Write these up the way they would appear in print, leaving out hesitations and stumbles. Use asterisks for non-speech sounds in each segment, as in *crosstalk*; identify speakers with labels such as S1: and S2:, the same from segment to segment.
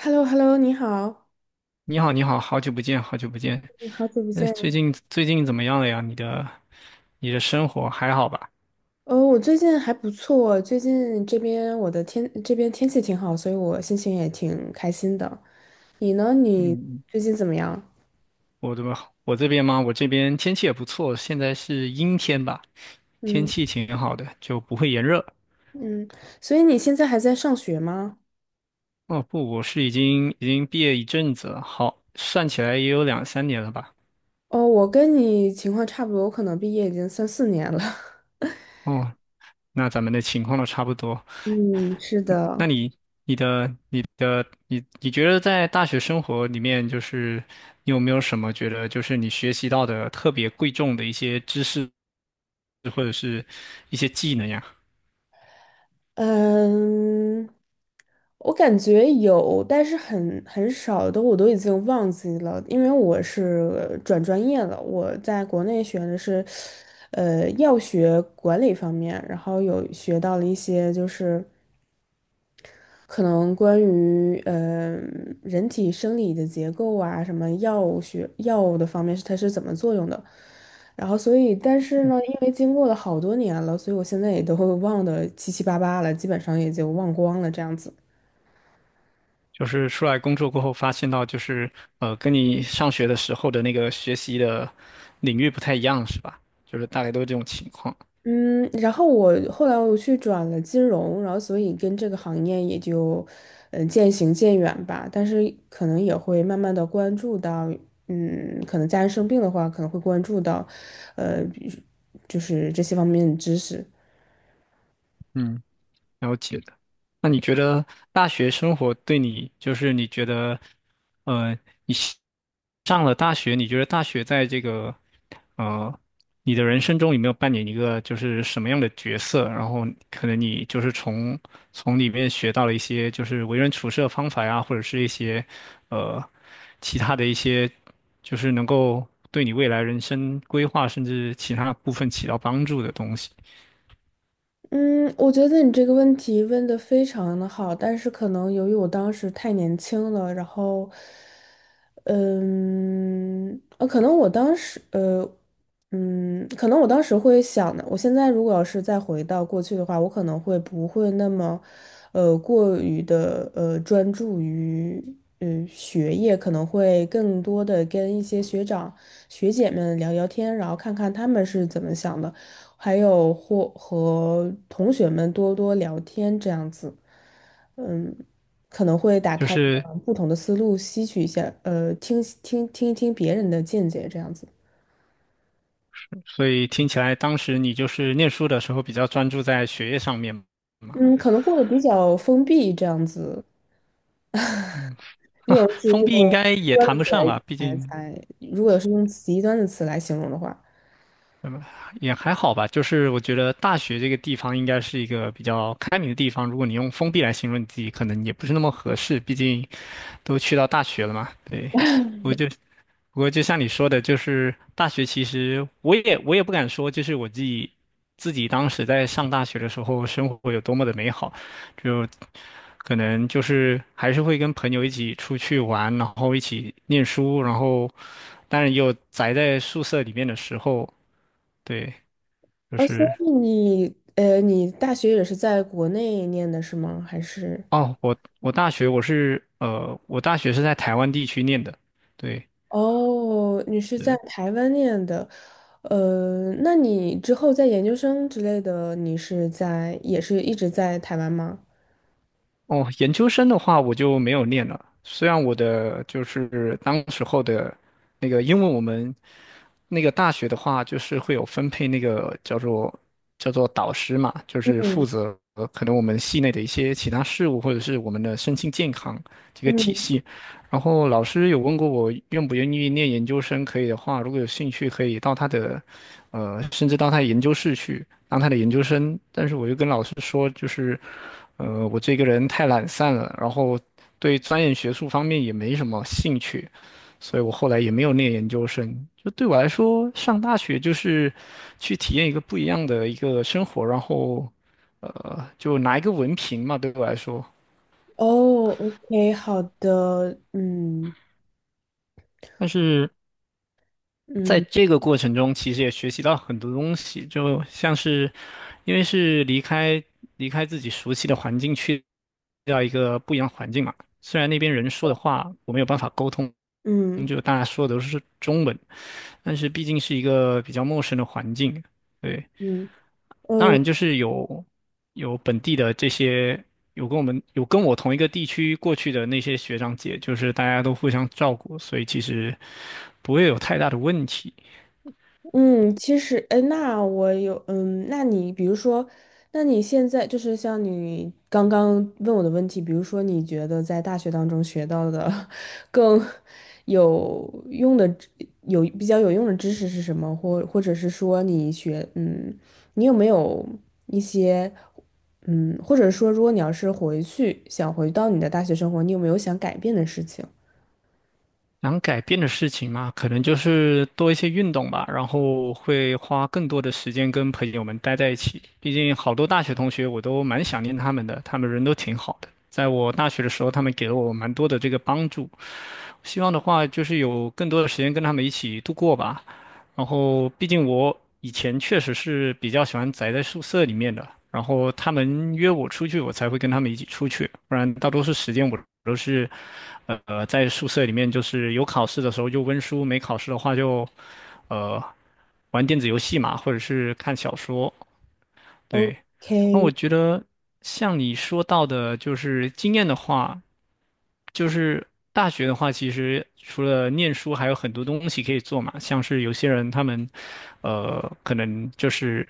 S1: h e l l o h e l l o 你好，
S2: 你好，你好，好久不见，好久不见。
S1: 我好久不
S2: 哎，最
S1: 见。
S2: 近最近怎么样了呀？你的生活还好吧？
S1: 哦，我最近还不错，最近这边我的天，这边天气挺好，所以我心情也挺开心的。你呢？你
S2: 嗯嗯，
S1: 最近怎么样？
S2: 我这边我这边吗？我这边天气也不错，现在是阴天吧，天
S1: 嗯
S2: 气挺好的，就不会炎热。
S1: 嗯，所以你现在还在上学吗？
S2: 哦不，我是已经毕业一阵子了，好，算起来也有两三年了吧。
S1: 哦，我跟你情况差不多，我可能毕业已经三四年了。*laughs*
S2: 哦，那咱们的情况都差不多。
S1: 嗯，是
S2: 那
S1: 的。
S2: 你、你的、你的、你，你觉得在大学生活里面，就是你有没有什么觉得，就是你学习到的特别贵重的一些知识或者是一些技能呀？
S1: 嗯，我感觉有，但是很少的，我都已经忘记了，因为我是转专业了。我在国内学的是，药学管理方面，然后有学到了一些就是。可能关于人体生理的结构啊，什么药学药物的方面是它是怎么作用的。然后所以，但是呢，因为经过了好多年了，所以我现在也都会忘得七七八八了，基本上也就忘光了这样子。
S2: 就是出来工作过后发现到，就是跟你上学的时候的那个学习的领域不太一样，是吧？就是大概都是这种情况。
S1: 嗯，然后我后来去转了金融，然后所以跟这个行业也就，嗯，渐行渐远吧。但是可能也会慢慢的关注到，嗯，可能家人生病的话，可能会关注到，呃，比就是这些方面的知识。
S2: 嗯。了解的。那你觉得大学生活对你，就是你觉得，呃，你西上了大学，你觉得大学在这个，呃，你的人生中有没有扮演一个就是什么样的角色？然后可能你就是从里面学到了一些就是为人处事的方法呀，或者是一些，呃，其他的一些，就是能够对你未来人生规划甚至其他部分起到帮助的东西。
S1: 嗯，我觉得你这个问题问的非常的好，但是可能由于我当时太年轻了，然后，可能我当时，可能我当时会想的，我现在如果要是再回到过去的话，我可能会不会那么，过于的专注于学业，可能会更多的跟一些学长学姐们聊聊天，然后看看他们是怎么想的。还有或和同学们多多聊天这样子，可能会打
S2: 就
S1: 开你
S2: 是
S1: 的不同的思路，吸取一下，听一听别人的见解这样子。
S2: 所以听起来当时你就是念书的时候比较专注在学业上面嘛，
S1: 嗯，可能过得比较封闭这样子。
S2: 嗯，
S1: 如果是
S2: 封
S1: 用极
S2: 闭应该也
S1: 端的
S2: 谈不
S1: 词来
S2: 上吧，毕
S1: 来
S2: 竟
S1: 来，如果是用极端的词来形容的话，
S2: 也还好吧。就是我觉得大学这个地方应该是一个比较开明的地方，如果你用封闭来形容你自己，可能也不是那么合适，毕竟都去到大学了嘛。对，我就不过就像你说的，就是大学其实我也不敢说，就是我自己当时在上大学的时候，生活有多么的美好，就可能就是还是会跟朋友一起出去玩，然后一起念书，然后当然也有宅在宿舍里面的时候，对，就
S1: 啊，所
S2: 是
S1: 以你你大学也是在国内念的是吗？还是？
S2: 哦，我大学是在台湾地区念的，对。
S1: 哦，你是在台湾念的，那你之后在研究生之类的，你是也是一直在台湾吗？
S2: 哦，研究生的话我就没有念了。虽然我的就是当时候的那个，因为我们那个大学的话，就是会有分配那个叫做导师嘛，就是负责可能我们系内的一些其他事务，或者是我们的身心健康这个体
S1: 嗯，
S2: 系。然后老师有问过我愿不愿意念研究生，可以的话，如果有兴趣，可以到他的甚至到他的研究室去当他的研究生。但是我就跟老师说，就是。呃，我这个人太懒散了，然后对钻研学术方面也没什么兴趣，所以我后来也没有念研究生。就对我来说，上大学就是去体验一个不一样的一个生活，然后就拿一个文凭嘛，对我来说。
S1: 哦，OK，好的，
S2: 但是在
S1: 嗯
S2: 这个过程中，其实也学习到很多东西，就像是因为是离开自己熟悉的环境去到一个不一样的环境嘛，虽然那边人说的话我没有办法沟通。嗯
S1: 嗯
S2: 就大家说的都是中文，但是毕竟是一个比较陌生的环境，对，
S1: 嗯，
S2: 当
S1: 呃，
S2: 然就是有本地的这些有跟我同一个地区过去的那些学长姐，就是大家都互相照顾，所以其实不会有太大的问题。
S1: 嗯，其实，哎，那我有，嗯，那你比如说，那你现在就是像你刚刚问我的问题，比如说你觉得在大学当中学到的 *laughs* 更有用的知有比较有用的知识是什么？或者是说你学，嗯，你有没有一些，嗯，或者说如果你要是回去想回到你的大学生活，你有没有想改变的事情
S2: 能改变的事情嘛，可能就是多一些运动吧，然后会花更多的时间跟朋友们待在一起。毕竟好多大学同学我都蛮想念他们的，他们人都挺好的。在我大学的时候，他们给了我蛮多的这个帮助，希望的话就是有更多的时间跟他们一起度过吧。然后，毕竟我以前确实是比较喜欢宅在宿舍里面的，然后他们约我出去，我才会跟他们一起出去，不然大多数时间我都是，在宿舍里面，就是有考试的时候就温书，没考试的话就，呃，玩电子游戏嘛，或者是看小说。对，那我
S1: ？OK，
S2: 觉得像你说到的，就是经验的话，就是大学的话，其实除了念书，还有很多东西可以做嘛。像是有些人他们，可能就是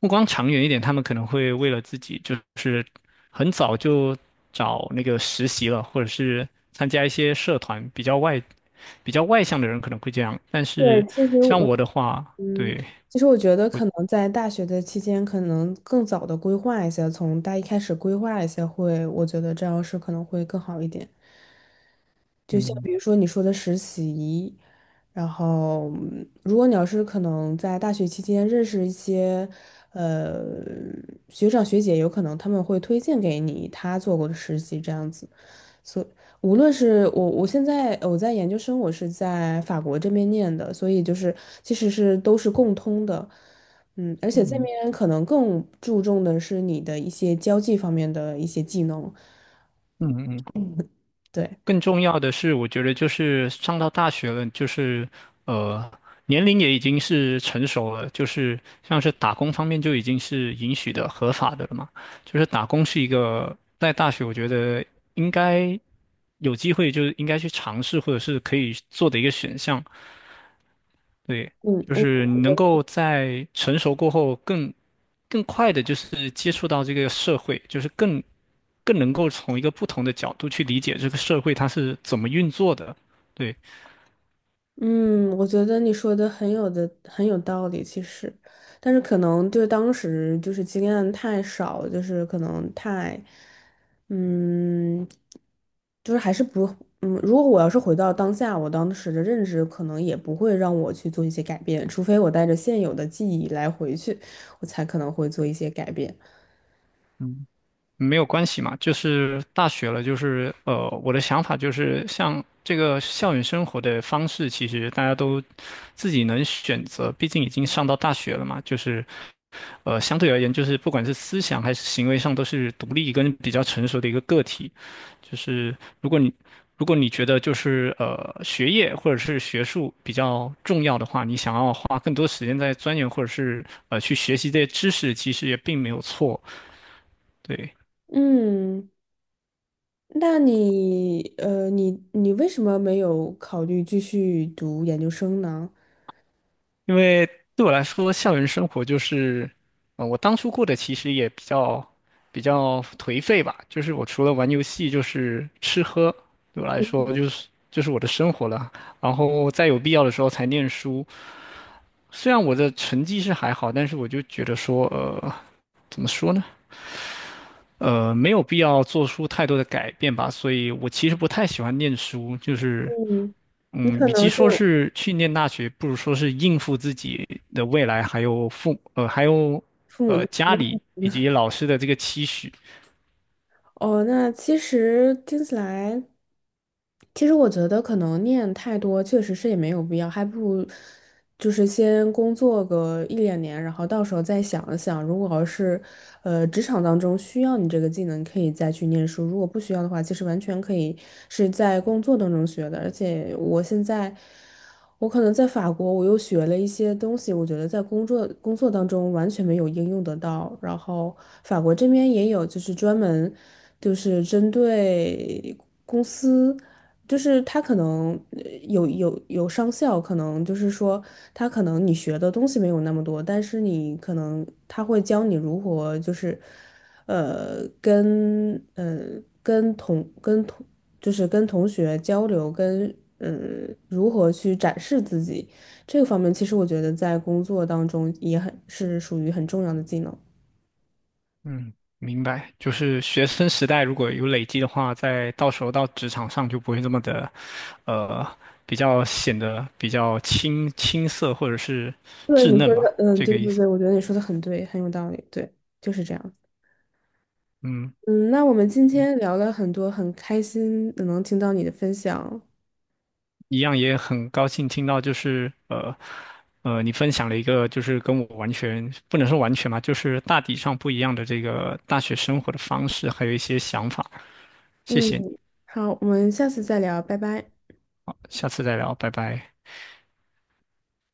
S2: 目光长远一点，他们可能会为了自己，就是很早就找那个实习了，或者是参加一些社团。比较外向的人可能会这样，但
S1: 对，
S2: 是像我的话，
S1: 嗯，
S2: 对，
S1: 其实我觉得
S2: 我，
S1: 可能在大学的期间，可能更早的规划一些，从大一开始规划一些会，我觉得这样是可能会更好一点。就像
S2: 嗯
S1: 比如说你说的实习，然后嗯如果你要是可能在大学期间认识一些呃学长学姐，有可能他们会推荐给你他做过的实习这样子。所无论是我，我现在我在研究生，我是在法国这边念的，所以就是其实是都是共通的，嗯，而且这
S2: 嗯
S1: 边可能更注重的是你的一些交际方面的一些技能，
S2: 嗯嗯嗯。
S1: 对，
S2: 更重要的是，我觉得就是上到大学了，就是呃，年龄也已经是成熟了，就是像是打工方面就已经是允许的、合法的了嘛。就是打工是一个在大学，我觉得应该有机会，就是应该去尝试或者是可以做的一个选项。对，
S1: 嗯，
S2: 就是你能够在成熟过后更快的，就是接触到这个社会，就是更能够从一个不同的角度去理解这个社会它是怎么运作的。对，
S1: 嗯，我觉得你说的很有道理，其实，但是可能就是当时就是经验太少，就是可能太，嗯，就是还是不，嗯，如果我要是回到当下，我当时的认知可能也不会让我去做一些改变，除非我带着现有的记忆来回去，我才可能会做一些改变。
S2: 嗯。没有关系嘛，就是大学了，就是我的想法就是，像这个校园生活的方式，其实大家都自己能选择，毕竟已经上到大学了嘛，就是相对而言，就是不管是思想还是行为上，都是独立跟比较成熟的一个个体。就是如果你如果你觉得就是呃学业或者是学术比较重要的话，你想要花更多时间在钻研或者是去学习这些知识，其实也并没有错，对。
S1: 嗯，那你，你为什么没有考虑继续读研究生呢？
S2: 因为对我来说，校园生活就是，我当初过得其实也比较颓废吧，就是我除了玩游戏，就是吃喝，对我来说就是我的生活了。然后在有必要的时候才念书，虽然我的成绩是还好，但是我就觉得说，呃，怎么说呢？没有必要做出太多的改变吧，所以我其实不太喜欢念书，就是
S1: 嗯，你
S2: 嗯，
S1: 可
S2: 与其
S1: 能是
S2: 说
S1: 有
S2: 是去念大学，不如说是应付自己的未来，还有还有
S1: 父母的期
S2: 家里
S1: 望
S2: 以及老师的这个期许。
S1: 哦。那其实听起来，其实我觉得可能念太多确实是也没有必要，还不如就是先工作个一两年，然后到时候再想一想，如果要是职场当中需要你这个技能，可以再去念书；如果不需要的话，其实完全可以是在工作当中学的。而且我现在。我可能在法国，我又学了一些东西，我觉得在工作当中完全没有应用得到。然后法国这边也有，就是专门就是针对公司，就是他可能有上校，可能就是说他可能你学的东西没有那么多，但是你可能他会教你如何就是。呃，跟嗯，跟同跟同就是跟同学交流，跟嗯如何去展示自己这个方面，其实我觉得在工作当中也很是属于很重要的技能。
S2: 嗯，明白。就是学生时代如果有累积的话，在到时候到职场上就不会这么的，呃，比较显得比较青涩或者是
S1: 对
S2: 稚
S1: 你说
S2: 嫩吧，
S1: 的，嗯，
S2: 这
S1: 对
S2: 个意
S1: 对
S2: 思。
S1: 对，我觉得你说的很对，很有道理，对，就是这样。
S2: 嗯。
S1: 嗯，那我们今天聊了很多，很开心能听到你的分享。
S2: 一样也很高兴听到，就是你分享了一个就是跟我完全不能说完全吧，就是大体上不一样的这个大学生活的方式，还有一些想法。谢
S1: 嗯，
S2: 谢你
S1: 好，我们下次再聊，拜拜。
S2: 下次再聊，拜拜。